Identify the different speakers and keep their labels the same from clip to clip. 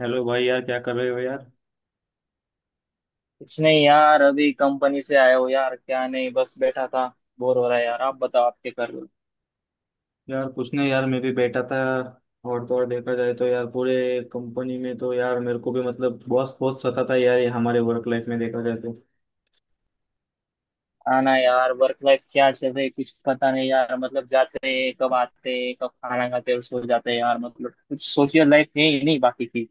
Speaker 1: Hello भाई, यार क्या कर रहे हो यार।
Speaker 2: कुछ नहीं यार, अभी कंपनी से आया हो यार। क्या नहीं, बस बैठा था। बोर हो रहा है यार। आप बताओ, आप क्या कर रहे हो?
Speaker 1: यार कुछ नहीं यार, मैं भी बैठा था। और तो और, देखा जाए तो यार पूरे कंपनी में तो यार मेरे को भी मतलब बॉस बहुत सताता है यार, ये हमारे वर्क लाइफ में देखा जाए तो।
Speaker 2: आना यार, वर्क लाइफ क्या चल रही है, कुछ पता नहीं यार। मतलब जाते हैं कब, आते हैं कब, खाना खाते हैं और सो जाते हैं यार। मतलब कुछ सोशल लाइफ है ही नहीं, बाकी की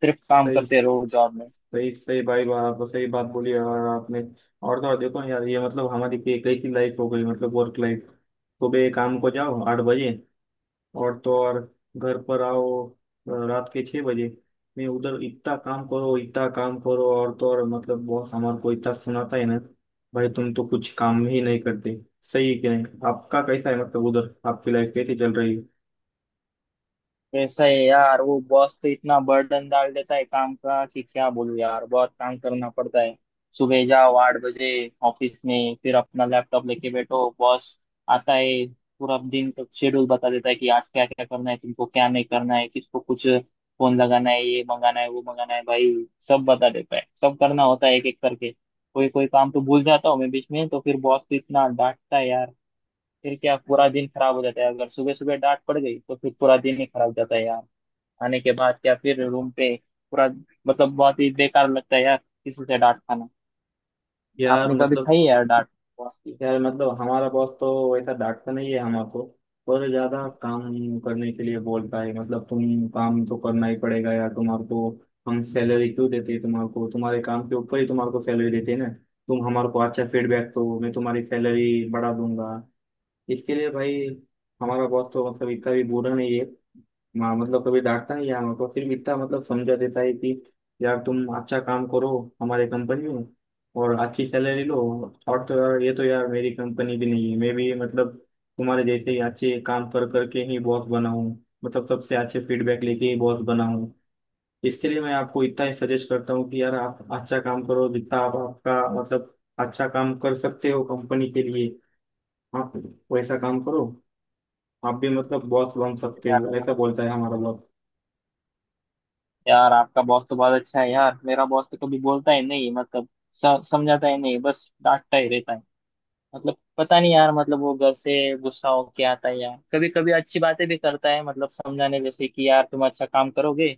Speaker 2: सिर्फ काम
Speaker 1: सही,
Speaker 2: करते रहो जॉब में।
Speaker 1: सही सही भाई, बात आपको सही बात बोली यार आपने। और तो और, देखो ना यार, ये मतलब हमारी एक ऐसी लाइफ हो गई, मतलब वर्क लाइफ। सुबह काम को जाओ 8 बजे, और तो और घर पर आओ रात के 6 बजे। मैं उधर, इतना काम करो, इतना काम करो, और तो और मतलब बॉस हमारे को इतना सुनाता है ना, भाई तुम तो कुछ काम ही नहीं करते। सही है कि नहीं? आपका कैसा है मतलब, उधर आपकी लाइफ कैसी चल रही है?
Speaker 2: कैसा है यार, वो बॉस तो इतना बर्डन डाल देता है काम का कि क्या बोलूं यार, बहुत काम करना पड़ता है। सुबह जाओ आठ बजे ऑफिस में, फिर अपना लैपटॉप लेके बैठो, बॉस आता है, पूरा दिन का शेड्यूल बता देता है कि आज क्या क्या करना है, तुमको क्या नहीं करना है, किसको कुछ फोन लगाना है, ये मंगाना है, वो मंगाना है भाई। सब बता देता है, सब करना होता है एक एक करके। कोई कोई काम तो भूल जाता हूँ मैं बीच में, तो फिर बॉस तो इतना डांटता है यार। फिर क्या, पूरा दिन खराब हो जाता है, अगर सुबह सुबह डांट पड़ गई तो फिर पूरा दिन ही खराब जाता है यार। आने के बाद या फिर रूम पे पूरा मतलब बहुत ही बेकार लगता है यार, किसी से डांट खाना।
Speaker 1: यार
Speaker 2: आपने कभी
Speaker 1: मतलब,
Speaker 2: खाई है यार डांट बॉस की?
Speaker 1: हमारा बॉस तो वैसा डांटता नहीं है हमारे, पर ज्यादा काम करने के लिए बोलता है। मतलब तुम काम तो करना ही पड़ेगा यार तुम्हारे को, हम सैलरी क्यों देते हैं तुम्हारे को? तुम्हारे काम के ऊपर ही तुम्हारे को सैलरी देते हैं ना। तुम हमारे को अच्छा फीडबैक दो, मैं तुम्हारी सैलरी बढ़ा दूंगा। इसके लिए भाई, हमारा बॉस तो मतलब इतना भी बुरा नहीं है। माँ मतलब, कभी डांटता नहीं है हमको, फिर भी इतना मतलब समझा देता है कि यार तुम अच्छा काम करो हमारे कंपनी में, और अच्छी सैलरी लो। और तो यार, ये तो यार मेरी कंपनी भी नहीं है, मैं भी मतलब तुम्हारे जैसे ही अच्छे काम कर करके ही बॉस बना हूँ, मतलब सबसे अच्छे फीडबैक लेके ही बॉस बना हूँ। इसके लिए मैं आपको इतना ही सजेस्ट करता हूँ कि यार आप अच्छा काम करो, जितना आप आपका मतलब अच्छा काम कर सकते हो कंपनी के लिए, आप वैसा काम करो, आप भी मतलब बॉस बन सकते
Speaker 2: यार
Speaker 1: हो, ऐसा बोलता है हमारा बॉस।
Speaker 2: यार आपका बॉस तो बहुत अच्छा है यार, मेरा बॉस तो कभी बोलता ही नहीं, मतलब समझाता ही नहीं, बस डांटता ही रहता है। मतलब पता नहीं यार, मतलब वो घर से गुस्सा हो के आता है यार। कभी कभी अच्छी बातें भी करता है, मतलब समझाने जैसे कि यार तुम अच्छा काम करोगे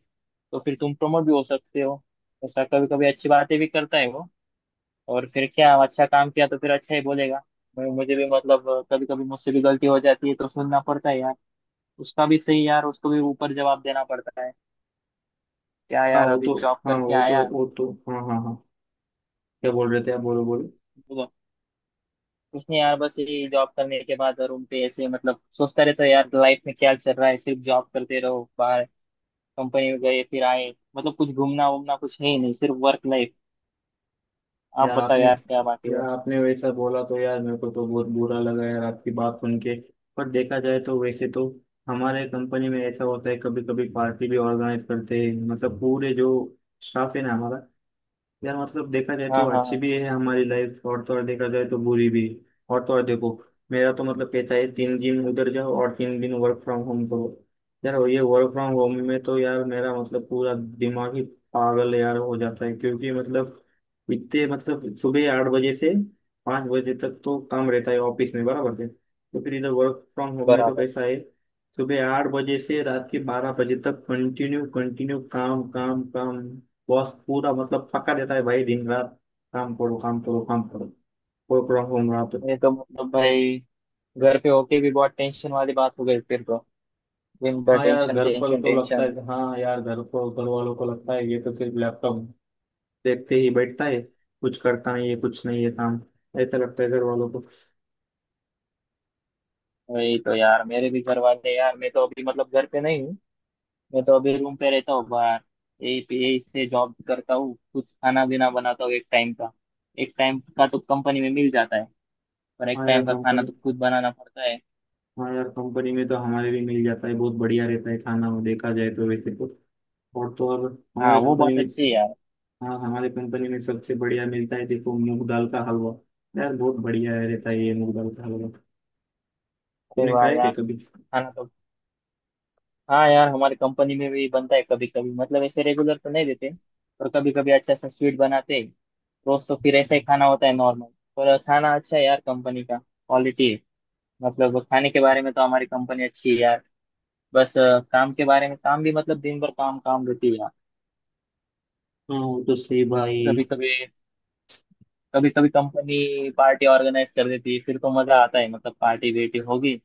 Speaker 2: तो फिर तुम प्रमोट भी हो सकते हो, ऐसा कभी कभी अच्छी बातें भी करता है वो। और फिर क्या, अच्छा काम किया तो फिर अच्छा ही बोलेगा। मैं मुझे भी मतलब कभी कभी मुझसे भी गलती हो जाती है तो सुनना पड़ता है यार। उसका भी सही यार, उसको भी ऊपर जवाब देना पड़ता है क्या
Speaker 1: हाँ
Speaker 2: यार,
Speaker 1: वो
Speaker 2: अभी
Speaker 1: तो,
Speaker 2: जॉब
Speaker 1: हाँ
Speaker 2: करके
Speaker 1: वो तो
Speaker 2: आया।
Speaker 1: वो तो हाँ हाँ हाँ। क्या बोल रहे थे आप? बोलो बोलो।
Speaker 2: तो उसने यार, बस ये जॉब करने के बाद रूम पे ऐसे मतलब सोचता रहता है यार, लाइफ में क्या चल रहा है, सिर्फ जॉब करते रहो, बाहर कंपनी में गए फिर आए, मतलब कुछ घूमना वूमना कुछ है ही नहीं, सिर्फ वर्क लाइफ। आप
Speaker 1: यार
Speaker 2: बताओ
Speaker 1: आपने
Speaker 2: यार, क्या बात है
Speaker 1: यार
Speaker 2: और?
Speaker 1: आपने वैसा बोला तो यार, मेरे को तो बहुत बुरा लगा यार आपकी बात सुन के। पर देखा जाए तो वैसे तो, हमारे कंपनी में ऐसा होता है, कभी कभी पार्टी भी ऑर्गेनाइज करते हैं, मतलब पूरे जो स्टाफ है ना हमारा। यार मतलब देखा जाए तो
Speaker 2: हाँ हाँ
Speaker 1: अच्छी
Speaker 2: हाँ।
Speaker 1: भी है हमारी लाइफ, और तो और देखा जाए तो बुरी भी। और तो और देखो, मेरा तो मतलब कहता है 3 दिन उधर जाओ और 3 दिन वर्क फ्रॉम होम करो। यार ये वर्क फ्रॉम होम में तो यार मेरा मतलब पूरा दिमाग ही पागल यार हो जाता है, क्योंकि मतलब इतने मतलब, सुबह 8 बजे से 5 बजे तक तो काम रहता है ऑफिस में, बराबर है, तो फिर इधर वर्क फ्रॉम होम में तो
Speaker 2: बराबर।
Speaker 1: कैसा है? सुबह आठ बजे से रात के 12 बजे तक, कंटिन्यू कंटिन्यू काम काम काम। बॉस पूरा मतलब पक्का देता है भाई, दिन रात काम करो, काम करो, काम करो। कोई प्रॉब्लम रहा तो।
Speaker 2: ये तो मतलब भाई घर पे होके भी बहुत टेंशन वाली बात हो गई, फिर तो दिन भर टेंशन टेंशन टेंशन।
Speaker 1: हाँ यार, घर पर घर वालों को लगता है ये तो सिर्फ लैपटॉप देखते ही बैठता है, कुछ करता नहीं है, कुछ नहीं है काम, ऐसा लगता है घर वालों को।
Speaker 2: वही तो यार, मेरे भी घर वाले यार, मैं तो अभी मतलब घर पे नहीं हूँ, मैं तो अभी रूम पे रहता हूँ बाहर। यही से जॉब करता हूँ, कुछ खाना पीना बनाता हूँ एक टाइम का। एक टाइम का तो कंपनी में मिल जाता है, पर एक
Speaker 1: हाँ यार
Speaker 2: टाइम का खाना
Speaker 1: कंपनी
Speaker 2: तो खुद बनाना पड़ता है।
Speaker 1: हाँ यार कंपनी में तो हमारे भी मिल जाता है, बहुत बढ़िया रहता है खाना वो, देखा जाए तो वैसे तो। और तो और
Speaker 2: हाँ,
Speaker 1: हमारे
Speaker 2: वो
Speaker 1: कंपनी
Speaker 2: बात
Speaker 1: में,
Speaker 2: अच्छी है यार।
Speaker 1: हाँ हमारे कंपनी में सबसे बढ़िया मिलता है देखो, मूंग दाल का हलवा, यार बहुत बढ़िया रहता है ये मूंग दाल का हलवा।
Speaker 2: अरे
Speaker 1: तुमने
Speaker 2: वाह
Speaker 1: खाया क्या
Speaker 2: यार।
Speaker 1: कभी?
Speaker 2: खाना तो हाँ यार, हमारी कंपनी में भी बनता है कभी कभी, मतलब ऐसे रेगुलर तो नहीं देते, पर कभी कभी अच्छा सा स्वीट बनाते हैं। रोज तो फिर ऐसा ही खाना होता है नॉर्मल। पर खाना अच्छा है यार, कंपनी का क्वालिटी है। मतलब खाने के बारे में तो हमारी कंपनी अच्छी है यार। बस काम के बारे में, काम भी मतलब दिन भर काम काम रहती है यार।
Speaker 1: हाँ वो तो सही भाई।
Speaker 2: कभी कभी कभी कभी कंपनी पार्टी ऑर्गेनाइज कर देती है फिर तो मजा आता है, मतलब पार्टी बेटी होगी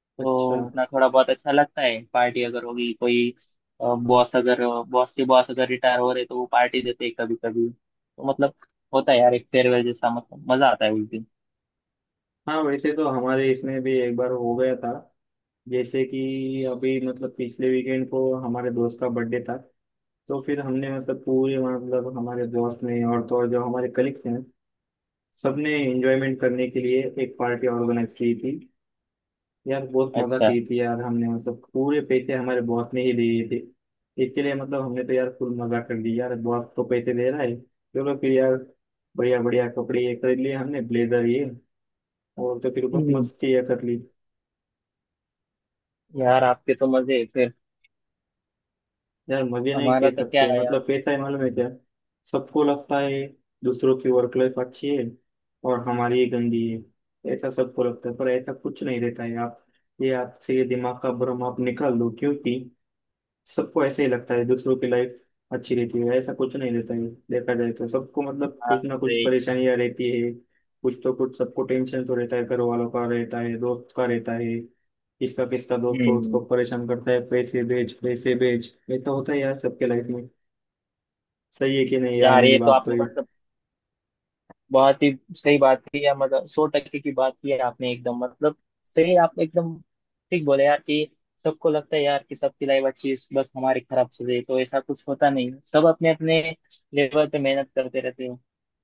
Speaker 2: तो
Speaker 1: अच्छा,
Speaker 2: उतना थोड़ा बहुत अच्छा लगता है, पार्टी अगर होगी कोई। बॉस अगर बॉस के बॉस अगर रिटायर हो रहे तो वो पार्टी देते हैं कभी कभी, तो मतलब होता है यार एक फेयरवेल जैसा, मतलब मजा आता है उस दिन।
Speaker 1: हाँ वैसे तो हमारे इसमें भी एक बार हो गया था। जैसे कि अभी मतलब पिछले वीकेंड को हमारे दोस्त का बर्थडे था, तो फिर हमने मतलब पूरे, मतलब हमारे दोस्त ने और तो और जो हमारे कलीग्स हैं, सबने एंजॉयमेंट करने के लिए एक पार्टी ऑर्गेनाइज की थी। यार बहुत मजा
Speaker 2: अच्छा।
Speaker 1: की थी यार हमने, मतलब पूरे पैसे हमारे बॉस ने ही दिए थे। इसके लिए मतलब हमने तो यार फुल मजा कर दी यार, बॉस तो पैसे दे रहा है, चलो फिर यार बढ़िया बढ़िया कपड़े ये खरीद लिए हमने, ब्लेजर ये, और तो फिर बहुत
Speaker 2: हम्म,
Speaker 1: मस्ती ये कर ली।
Speaker 2: यार आपके तो मजे हैं फिर।
Speaker 1: यार मजे नहीं
Speaker 2: हमारा
Speaker 1: कह
Speaker 2: तो क्या
Speaker 1: सकते,
Speaker 2: है यार।
Speaker 1: मतलब पैसा है मालूम है क्या? सबको लगता है दूसरों की वर्क लाइफ अच्छी है और हमारी ही गंदी है, ऐसा सबको लगता है, पर ऐसा कुछ नहीं रहता है आप, ये आपसे ये दिमाग का भ्रम आप निकाल दो, क्योंकि सबको ऐसे ही लगता है दूसरों की लाइफ अच्छी रहती है, ऐसा कुछ नहीं रहता है। देखा जाए तो सबको मतलब
Speaker 2: हाँ,
Speaker 1: कुछ ना कुछ
Speaker 2: अरे।
Speaker 1: परेशानियां रहती है, कुछ तो कुछ सबको टेंशन तो रहता है, घर वालों का रहता है, दोस्त का रहता है, किसका किसका दोस्त हो उसको
Speaker 2: हम्म।
Speaker 1: परेशान करता है, पैसे भेज पैसे भेज, ये तो होता है यार सबके लाइफ में। सही है कि नहीं यार
Speaker 2: यार
Speaker 1: मेरी
Speaker 2: ये तो
Speaker 1: बात तो
Speaker 2: आपने
Speaker 1: ये?
Speaker 2: मतलब बहुत ही सही बात की है, मतलब सौ टक्के की बात की है आपने एकदम, मतलब सही, आप एकदम ठीक बोले यार कि सबको लगता है यार कि सबकी लाइफ अच्छी है, बस हमारी खराब चल रही है, तो ऐसा कुछ होता नहीं है। सब अपने अपने लेवल पे मेहनत करते रहते हैं।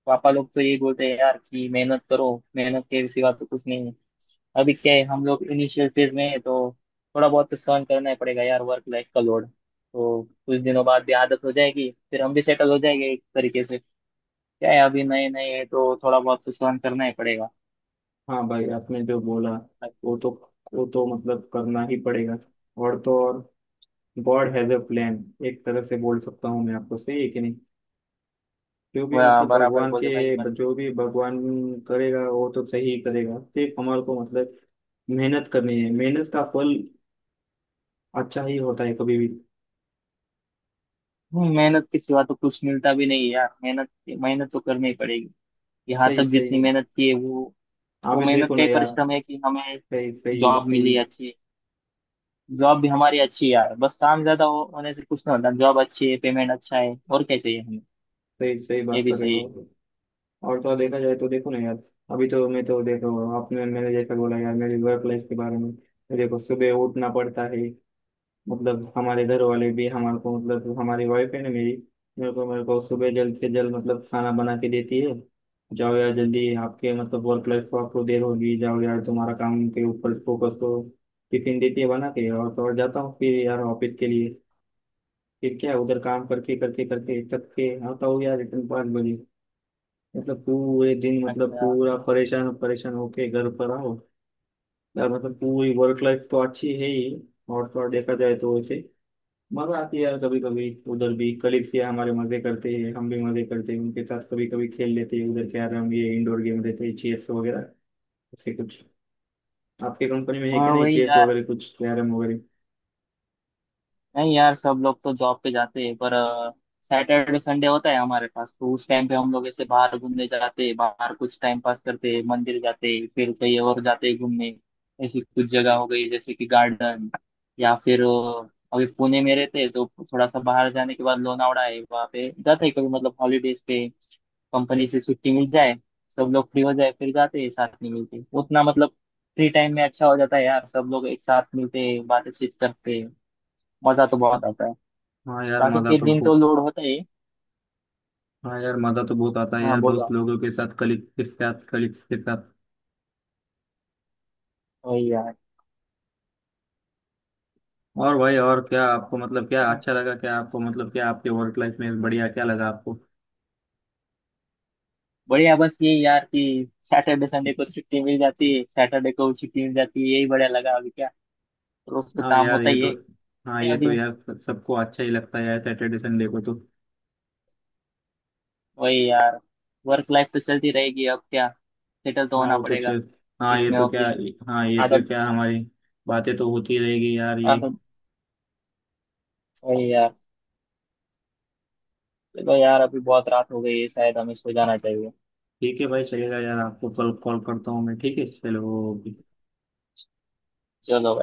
Speaker 2: पापा लोग तो यही बोलते हैं यार कि मेहनत करो, मेहनत के सिवा तो कुछ नहीं है। अभी क्या है, हम लोग इनिशियल फेज में है तो थोड़ा बहुत तो सहन करना ही पड़ेगा यार वर्क लाइफ का लोड। तो कुछ दिनों बाद भी आदत हो जाएगी, फिर हम भी सेटल हो जाएंगे एक तरीके से। क्या है, अभी नए नए है तो थोड़ा बहुत तो सहन करना ही पड़ेगा।
Speaker 1: हाँ भाई आपने जो बोला, वो तो, वो तो मतलब करना ही पड़ेगा। और तो और गॉड हैज अ प्लान, एक तरह से बोल सकता हूँ मैं आपको, सही है कि नहीं? जो भी
Speaker 2: वह
Speaker 1: मतलब
Speaker 2: बराबर
Speaker 1: भगवान के,
Speaker 2: बोले भाई मत।
Speaker 1: जो भी भगवान करेगा वो तो सही करेगा, सिर्फ हमारे को मतलब मेहनत करनी है, मेहनत का फल अच्छा ही होता है कभी भी।
Speaker 2: मेहनत के सिवा तो कुछ मिलता भी नहीं है यार, मेहनत मेहनत तो करनी ही पड़ेगी। यहाँ तक
Speaker 1: सही, सही
Speaker 2: जितनी
Speaker 1: है,
Speaker 2: मेहनत की है वो
Speaker 1: आप
Speaker 2: वो
Speaker 1: भी
Speaker 2: मेहनत
Speaker 1: देखो
Speaker 2: का
Speaker 1: ना
Speaker 2: ही
Speaker 1: यार,
Speaker 2: परिश्रम है कि हमें
Speaker 1: सही सही है,
Speaker 2: जॉब
Speaker 1: सही,
Speaker 2: मिली अच्छी। जॉब भी हमारी अच्छी है यार, बस काम ज्यादा होने से कुछ नहीं होता, जॉब अच्छी है, पेमेंट अच्छा है, और क्या चाहिए हमें।
Speaker 1: सही सही
Speaker 2: ये
Speaker 1: बात
Speaker 2: भी
Speaker 1: कर रहे
Speaker 2: सही
Speaker 1: हो।
Speaker 2: है।
Speaker 1: और तो और, देखा जाए तो देखो ना यार, अभी तो मैं तो देखो, आपने मैंने जैसा बोला यार मेरी वर्क लाइफ के बारे में, देखो सुबह उठना पड़ता है, मतलब हमारे घर वाले भी हमारे को, मतलब हमारी वाइफ है ना मेरी, मेरे को सुबह जल्द से जल्द मतलब खाना बना के देती है। जाओ यार जल्दी, आपके मतलब वर्क लाइफ को आपको देर होगी, जाओ यार तुम्हारा काम के ऊपर फोकस करो। टिफिन देती है बना के, और तो और जाता हूँ फिर यार ऑफिस के लिए। फिर क्या उधर काम करके करके करके थक के आता हूँ यार रिटर्न 5 बजे। मतलब पूरे दिन, मतलब
Speaker 2: अच्छा।
Speaker 1: पूरा परेशान परेशान होके घर पर आओ। यार मतलब पूरी वर्क लाइफ तो अच्छी है ही, और तो और देखा जाए तो वैसे मजा आती है यार कभी कभी उधर भी, कलीग्स ये हमारे मजे करते हैं, हम भी मजे करते हैं उनके साथ, कभी कभी खेल लेते हैं उधर कैरम ये, इंडोर गेम रहते हैं चेस वगैरह, ऐसे कुछ आपके कंपनी में है
Speaker 2: हाँ।
Speaker 1: क्या नहीं,
Speaker 2: वही
Speaker 1: चेस
Speaker 2: यार।
Speaker 1: वगैरह कुछ, कैरम वगैरह?
Speaker 2: नहीं यार, सब लोग तो जॉब पे जाते हैं, पर सैटरडे संडे होता है हमारे पास, तो उस टाइम पे हम लोग ऐसे बाहर घूमने जाते हैं, बाहर कुछ टाइम पास करते हैं, मंदिर जाते हैं, फिर कहीं और जाते हैं घूमने। ऐसी कुछ जगह हो गई जैसे कि गार्डन, या फिर अभी पुणे में रहते हैं तो थोड़ा सा बाहर जाने के बाद लोनावड़ा है, वहाँ पे जाते हैं कभी, मतलब हॉलीडेज पे, कंपनी से छुट्टी मिल जाए, सब लोग फ्री हो जाए फिर जाते हैं साथ में, मिलते उतना मतलब। फ्री टाइम में अच्छा हो जाता है यार, सब लोग एक साथ मिलते हैं, बातचीत करते हैं, मजा तो
Speaker 1: हाँ।
Speaker 2: बहुत आता है।
Speaker 1: हाँ यार
Speaker 2: बाकी
Speaker 1: मजा
Speaker 2: के
Speaker 1: तो
Speaker 2: दिन तो
Speaker 1: बहुत
Speaker 2: लोड होता ही है।
Speaker 1: हाँ यार मजा तो बहुत आता है
Speaker 2: हाँ
Speaker 1: यार
Speaker 2: बोलो
Speaker 1: दोस्त
Speaker 2: आप।
Speaker 1: लोगों के साथ, कलीग के साथ, कलीग्स के साथ।
Speaker 2: वही यार।
Speaker 1: और भाई और क्या आपको मतलब क्या अच्छा लगा, क्या आपको मतलब क्या आपके वर्क लाइफ में बढ़िया क्या लगा आपको?
Speaker 2: बढ़िया बस ये यार कि सैटरडे संडे को छुट्टी मिल जाती है, सैटरडे को छुट्टी मिल जाती है, यही बढ़िया लगा अभी, क्या रोज तो
Speaker 1: हाँ
Speaker 2: काम
Speaker 1: यार
Speaker 2: होता
Speaker 1: ये
Speaker 2: ही
Speaker 1: तो
Speaker 2: है।
Speaker 1: हाँ
Speaker 2: है
Speaker 1: ये तो
Speaker 2: अभी।
Speaker 1: यार सबको अच्छा ही लगता है यार सैटरडे संडे को तो।
Speaker 2: वही यार। वर्क लाइफ तो चलती रहेगी, अब क्या, सेटल तो
Speaker 1: हाँ
Speaker 2: होना
Speaker 1: वो तो
Speaker 2: पड़ेगा
Speaker 1: चल हाँ ये
Speaker 2: इसमें
Speaker 1: तो क्या
Speaker 2: अभी।
Speaker 1: हाँ ये तो
Speaker 2: आदत
Speaker 1: क्या, हमारी बातें तो होती रहेगी यार ये।
Speaker 2: आदत, वही यार। चलो यार, अभी बहुत रात हो गई है, शायद हमें सो जाना चाहिए।
Speaker 1: ठीक है भाई, चलेगा यार, आपको कल कॉल करता हूँ मैं, ठीक है चलो, ओके।
Speaker 2: चलो।